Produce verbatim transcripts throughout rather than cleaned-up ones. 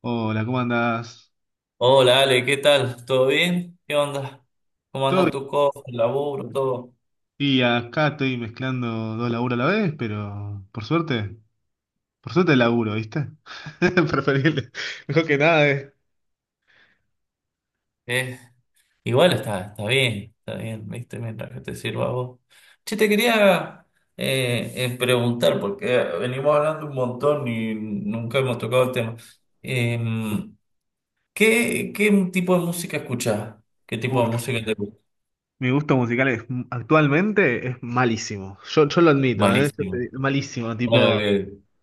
Hola, ¿cómo andás? Hola Ale, ¿qué tal? ¿Todo bien? ¿Qué onda? ¿Cómo Todo anda bien. tus cosas, el laburo, todo? Y acá estoy mezclando dos laburos a la vez, pero por suerte, por suerte laburo, ¿viste? Preferible. Mejor que nada es. Eh, igual está, está bien, está bien, ¿viste? Mientras que te sirva a vos. Che, te quería eh, eh, preguntar, porque venimos hablando un montón y nunca hemos tocado el tema. Em, ¿qué, qué tipo de música escuchás? ¿Qué tipo de Uf, música te gusta? mi gusto musical es, actualmente es malísimo. Yo, yo lo admito, ¿eh? Yo Malísimo. Te- malísimo, Bueno, tipo.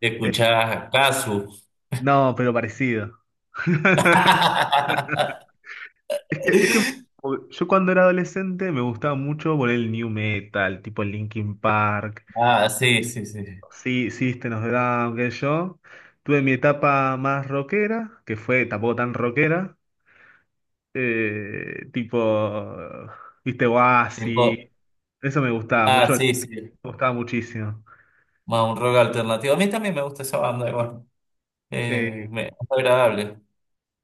que eh, escuchás Casu. No, pero parecido. Es que, es que yo cuando era adolescente me gustaba mucho por el new metal, tipo Linkin Park. Ah, sí, sí, sí. Sí, System of a Down, qué sé yo. Tuve mi etapa más rockera, que fue tampoco tan rockera, eh, tipo, viste, Oasis, Tipo, eso me gustaba ah, mucho, me sí, sí. gustaba muchísimo. Más un rock alternativo. A mí también me gusta esa banda, igual. Eh, Eh, me, es agradable.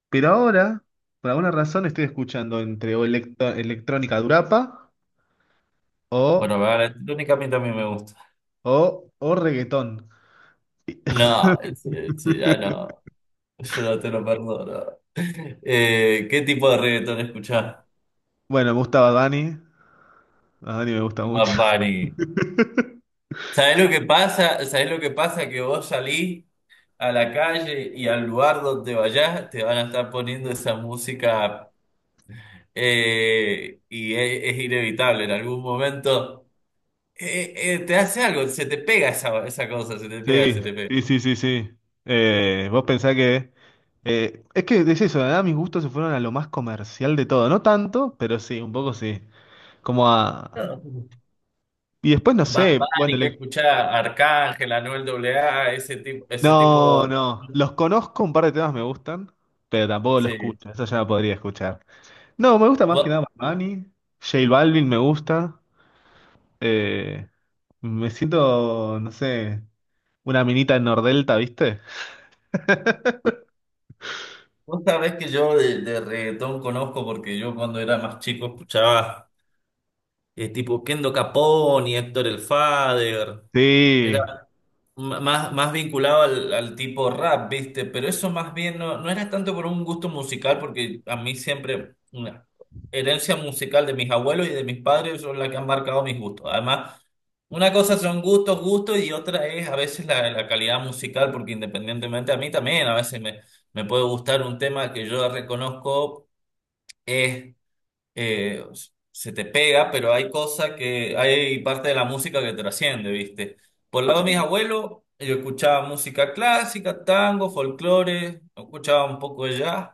pero ahora, por alguna razón, estoy escuchando entre o electro- electrónica durapa Bueno, o, la banda electrónica a mí también me gusta. o, o reggaetón. No, sí, sí, ya no. Yo no te lo perdono. Eh, ¿qué tipo de reggaetón escuchás? Bueno, me gusta Bad Bunny, Bad Bunny me gusta Bad mucho. Bunny. ¿Sabés lo que pasa? ¿Sabés lo que pasa? Que vos salís a la calle y al lugar donde vayas te van a estar poniendo esa música eh, y es, es inevitable. En algún momento. Eh, eh, te hace algo, se te pega esa, esa cosa, se te pega, Sí, se te pega. sí, sí, sí, sí. Eh, vos pensás que... eh, es que es eso, ¿verdad? Mis gustos se fueron a lo más comercial de todo. No tanto, pero sí, un poco sí. Como a... Y después no Bad sé, bueno, Bunny, que le- escuchar Arcángel, Anuel A A, ese tipo, ese no, tipo. no. Los conozco, un par de temas me gustan, pero tampoco lo Sí. escucho. Eso ya lo podría escuchar. No, me gusta más que Vos, nada Manny, J Balvin me gusta. eh, Me siento, no sé, una minita en Nordelta, ¿viste? vos sabés que yo de, de reggaetón conozco porque yo cuando era más chico escuchaba eh, tipo Kendo Capone, Héctor el Father. Sí. M- Más, más vinculado al, al tipo rap, ¿viste? Pero eso más bien no, no era tanto por un gusto musical, porque a mí siempre una herencia musical de mis abuelos y de mis padres son las que han marcado mis gustos. Además, una cosa son gustos, gustos, y otra es a veces la, la calidad musical, porque independientemente a mí también, a veces me, me puede gustar un tema que yo reconozco es eh, se te pega, pero hay cosas que, hay parte de la música que trasciende, ¿viste? Por el lado de mis Sí. abuelos, yo escuchaba música clásica, tango, folclore, escuchaba un poco de jazz.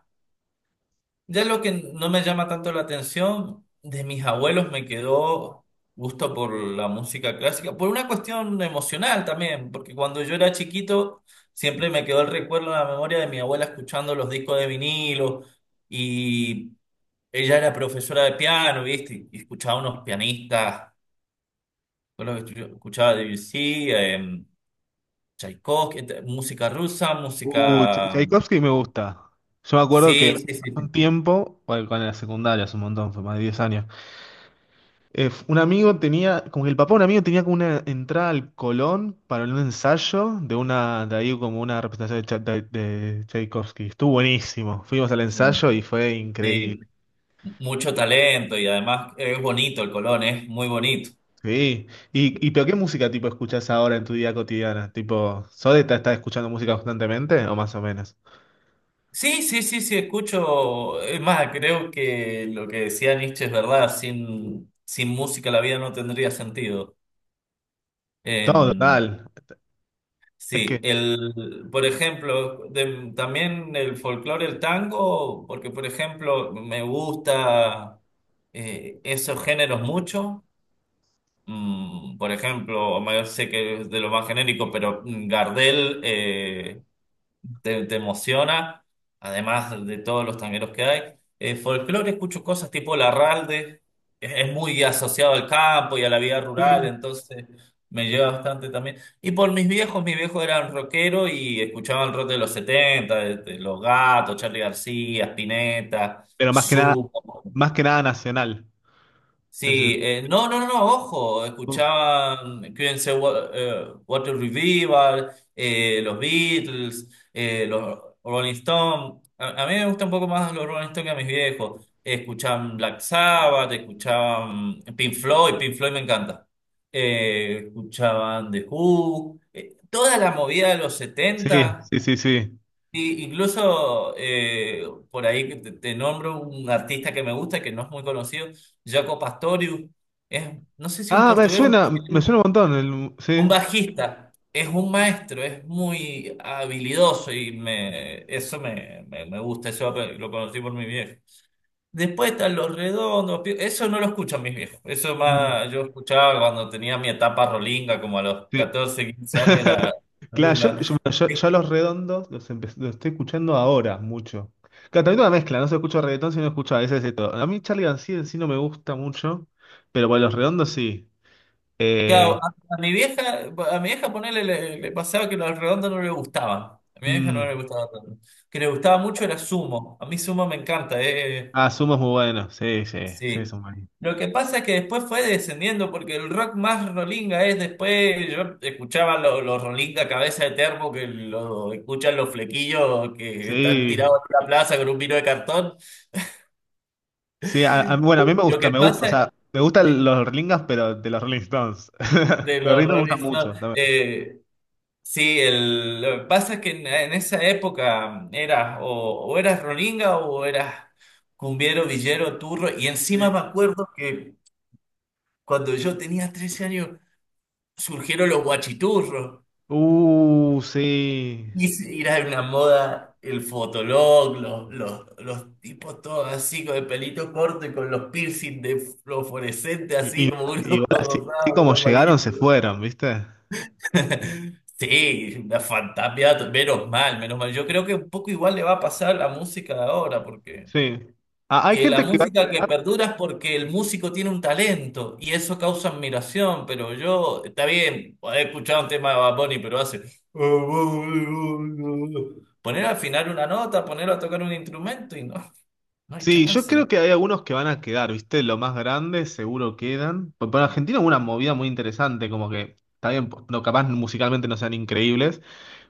Ya lo que no me llama tanto la atención, de mis abuelos me quedó gusto por la música clásica, por una cuestión emocional también, porque cuando yo era chiquito siempre me quedó el recuerdo en la memoria de mi abuela escuchando los discos de vinilo. Y ella era profesora de piano, ¿viste? Y escuchaba unos pianistas, con lo que yo escuchaba de Debussy, eh, Tchaikovsky, ent- música rusa, Uh, Ch- música... mm, Tchaikovsky me gusta. Yo me acuerdo que sí, hace sí, sí, sí. un tiempo, bueno, cuando era secundaria, hace un montón, fue más de diez años, eh, f- un amigo tenía, como que el papá de un amigo tenía como una entrada al Colón para un ensayo de una, de ahí como una representación de, Cha- de- de Tchaikovsky. Estuvo buenísimo. Fuimos al No, ensayo y fue sí, increíble. mucho talento y además eh, es bonito el Colón, es muy bonito. Sí. Y, y pero ¿qué música tipo escuchás ahora en tu día cotidiana? Tipo, ¿Sode está, está escuchando música constantemente o más o menos? Sí, sí, sí, sí, escucho. Es más, creo que lo que decía Nietzsche es verdad, sin, sin música la vida no tendría sentido. Eh, Todo, total. Es Sí, que... el, por ejemplo, de- también el folclore, el tango, porque por ejemplo me gusta eh, esos géneros mucho. Mm, por ejemplo, Omar, sé que es de lo más genérico, pero mm, Gardel eh, te, te emociona, además de todos los tangueros que hay. Eh, folclore escucho cosas tipo Larralde, es, es muy asociado al campo y a la vida rural, sí. entonces me lleva bastante también. Y por mis viejos, mis viejos eran rockeros y escuchaban rock de los setenta, de, de Los Gatos, Charly García, Spinetta, Pero más que nada, más que nada nacional. Es- sí, eh, no, no, no, no, ojo, escuchaba, mm, Queen's Wa- eh, Water Revival, eh, los Beatles, eh, los Rolling Stones. A, a mí me gusta un poco más los Rolling Stones que a mis viejos. Escuchaban Black Sabbath, escuchaban Pink Floyd, Pink Floyd me encanta. Eh, escuchaban The Who, eh, toda la movida de los Sí, setenta. sí, sí, sí. Sí, incluso eh, por ahí que te, te nombro un artista que me gusta, que no es muy conocido, Jaco Pastorius, es, no sé si un Ah, me portugués, un, suena, me suena un montón. el- un Sí. bajista, es un maestro, es muy habilidoso y me, eso me, me, me gusta, eso lo conocí por mi viejo. Después están Los Redondos, Pi- eso no lo escuchan mis viejos, eso Mm, más yo escuchaba cuando tenía mi etapa rolinga, como a los sí. catorce quince años era Claro, yo, rolinga. yo- bueno, yo- yo a los redondos los, empe- los estoy escuchando ahora mucho. Claro, también una mezcla, no se escucha reggaetón, sino escucho a veces de todo. A mí Charlie García en sí no me gusta mucho, pero bueno, los redondos sí. Claro, Eh, a, a mi vieja, a mi vieja ponerle le, le pasaba que los redondos no le gustaban. A mi vieja no le mm, gustaba tanto. Que le gustaba mucho era sumo. A mí sumo me encanta, eh. ah, Sumo es muy bueno, sí, sí, sí, Sí. son buenos. Lo que pasa es que después fue descendiendo, porque el rock más rolinga es después. Yo escuchaba los los rolinga cabeza de termo, que lo escuchan los flequillos que están Sí, tirados en la plaza con un vino de cartón. sí, a- a- bueno, a mí me Lo gusta, que me gusta, o pasa es sea, me gustan que- los Rollingas, pero de los Rolling Stones. de Los Rolling los Stones me Rolling gustan mucho Stones, también. eh, sí, el, lo que pasa es que en, en esa época eras o, o eras rolinga o eras cumbiero, villero, turro. Y encima me Sí. acuerdo que cuando yo tenía trece años surgieron los guachiturros. Uh, sí. Y se- era una moda el fotolog, los, los, los tipos todos así con el pelito corto y con los piercing de fluorescente Y, así y- como uno Igual así, así rosado, como uno amarillo. llegaron, se fueron, ¿viste? Sí, una fantasía, menos mal, menos mal. Yo creo que un poco igual le va a pasar a la música de ahora, porque Sí. Ah, hay eh, la gente que va a música que quedar. perdura es porque el músico tiene un talento y eso causa admiración, pero yo, está bien, he escuchado un tema de Bad Bunny, pero hace... Poner al final una nota, ponerlo a tocar un instrumento y no, no hay Sí, yo chance, ¿no? creo que hay algunos que van a quedar, ¿viste? Los más grandes seguro quedan. Por, por Argentina hubo una movida muy interesante, como que, está bien, no, capaz musicalmente no sean increíbles,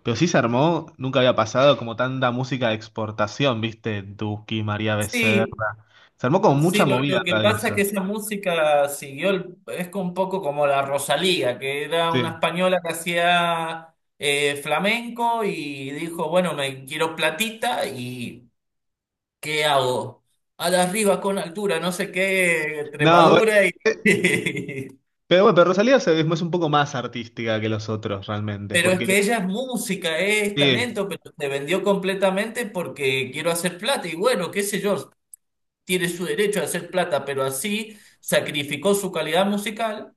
pero sí se armó, nunca había pasado como tanta música de exportación, ¿viste? Duki, María Becerra. Sí, Se armó como mucha sí, lo, movida lo que la de pasa es que esa. esa música siguió, el- es como un poco como la Rosalía, que era una Sí. española que hacía eh, flamenco y dijo, bueno, me quiero platita y ¿qué hago? A la arriba con altura, no sé qué, No, eh, tremadura y... eh, pero bueno, pero Rosalía se- es un poco más artística que los otros realmente, Pero es porque que ella es música, es sí, talento, pero se vendió completamente porque quiero hacer plata y bueno, qué sé yo, tiene su derecho a hacer plata, pero así sacrificó su calidad musical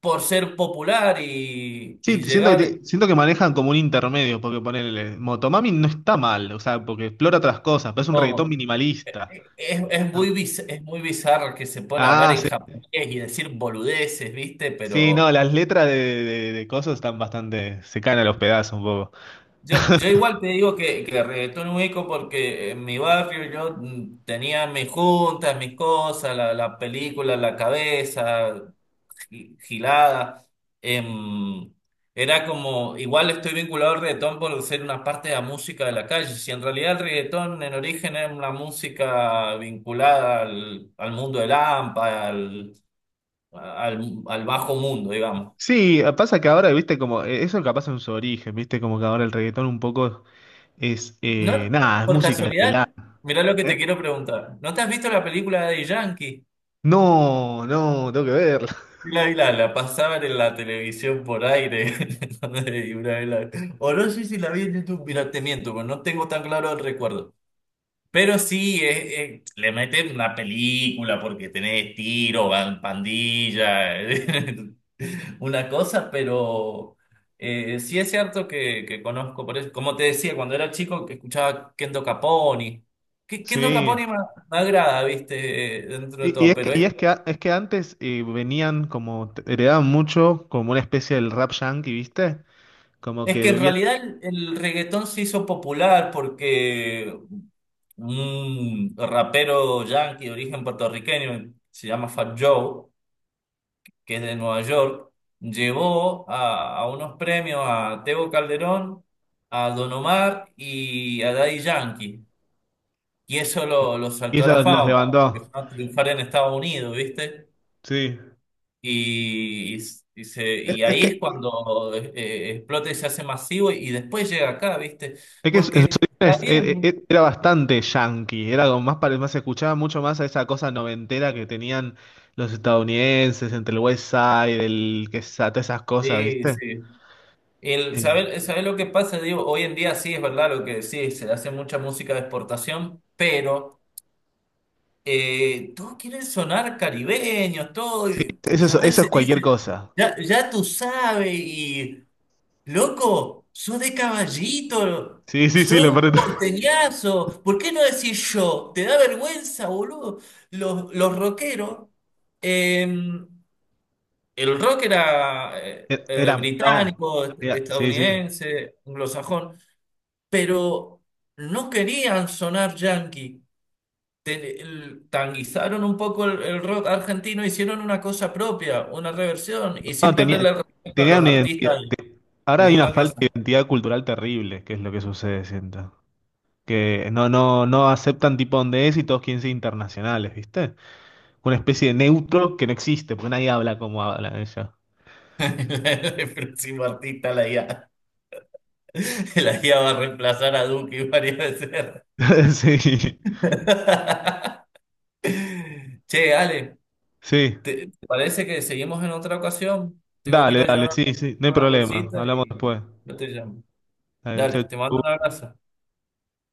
por ser popular y, sí, y siento que, llegar. te- siento que manejan como un intermedio, porque ponele, Motomami no está mal, o sea, porque explora otras cosas, pero es un reggaetón No, minimalista. es, es muy, biz- es muy bizarro que se pone a hablar Ah, en sí, japonés y decir boludeces, ¿viste? sí, no, Pero las letras de, de, de cosas están bastante, se caen a los pedazos un poco. yo, yo igual te digo que, que reggaetón ubico porque en mi barrio yo mm, tenía mis juntas, mis cosas, la, la película en la cabeza. Gi- gilada. em, Era como, igual estoy vinculado al reggaetón por ser una parte de la música de la calle. Si en realidad el reggaetón en origen es una música vinculada al, al mundo del hampa, al, al, al bajo mundo, digamos. Sí, ah, pasa que ahora, viste, como, eh, eso capaz en su origen, viste, como que ahora el reggaetón un poco es, eh, ¿No? nada, es Por música de pelada, casualidad, mirá lo que ¿eh? te quiero preguntar. ¿No te has visto la película de Yankee? No, no, tengo que verlo. La, la, la pasaban en la televisión por aire. Y una vez la- o no sé si la vi en YouTube. Mira, te miento, pero no tengo tan claro el recuerdo. Pero sí, es- es- le meten una película porque tenés tiro, van pandilla, una cosa, pero eh, sí es cierto que, que conozco, por eso, como te decía, cuando era chico que escuchaba Kendo Caponi. Que Kendo Sí. Caponi me, me agrada, viste, eh, dentro de Y, y todo, es que, pero y es, es que, a- Es que antes eh, venían como, te- heredaban mucho como una especie del rap yankee, viste, como es que que en bebían, realidad el, el reggaetón se hizo popular porque un rapero yankee de origen puertorriqueño, se llama Fat Joe, que es de Nueva York, llevó a, a unos premios a Tego Calderón, a Don Omar y a Daddy Yankee. Y eso lo, lo y saltó a eso la los, los fama, porque levantó. empezó a triunfar en Estados Unidos, ¿viste? Sí. Y, y, y se, Es y ahí es cuando eh, eh, explota y se hace masivo y después llega acá, ¿viste? Es que su- en sus Porque está orígenes e- bien. e- era bastante yankee, era como más, pare- más se escuchaba mucho más a esa cosa noventera que tenían los estadounidenses entre el West Side, el que esa- todas esas cosas, Sí, ¿viste? sí. El Sí, saber, saber lo que pasa, digo, hoy en día sí es verdad lo que decís, se hace mucha música de exportación, pero eh, todos quieren sonar caribeños, todo, sí, y, eso y es, a eso es veces cualquier dicen, cosa. ya, ya tú sabes, y loco, sos de Caballito, Sí, sí, sí, sos lo un peor de todo. porteñazo, ¿por qué no decís yo? ¿Te da vergüenza, boludo? Los, los rockeros, eh, el rock era eh, E- eh, Era, no, británico, era- sí, sí. estadounidense, anglosajón, pero no querían sonar yankee te- el- tanguizaron un poco el, el rock argentino, hicieron una cosa propia, una reversión, y No, sin tenía, perderle el respeto a tenía los una identidad. artistas Ahora del hay mundo una falta de anglosajón. identidad cultural terrible, que es lo que sucede, siento. Que no, no, no aceptan tipo donde es y todos quieren ser internacionales, ¿viste? Una especie de neutro que no existe, porque nadie habla como habla ella. El próximo artista, la I A, la I A va a reemplazar a Duki varias veces. Sí, Che, Ale, sí, ¿te, te parece que seguimos en otra ocasión? Tengo que ir a dale, dale, ayudar a sí, sí, no hay una problema, cosita hablamos y después. yo te llamo. Dale, chau, Dale, te mando un chau. abrazo.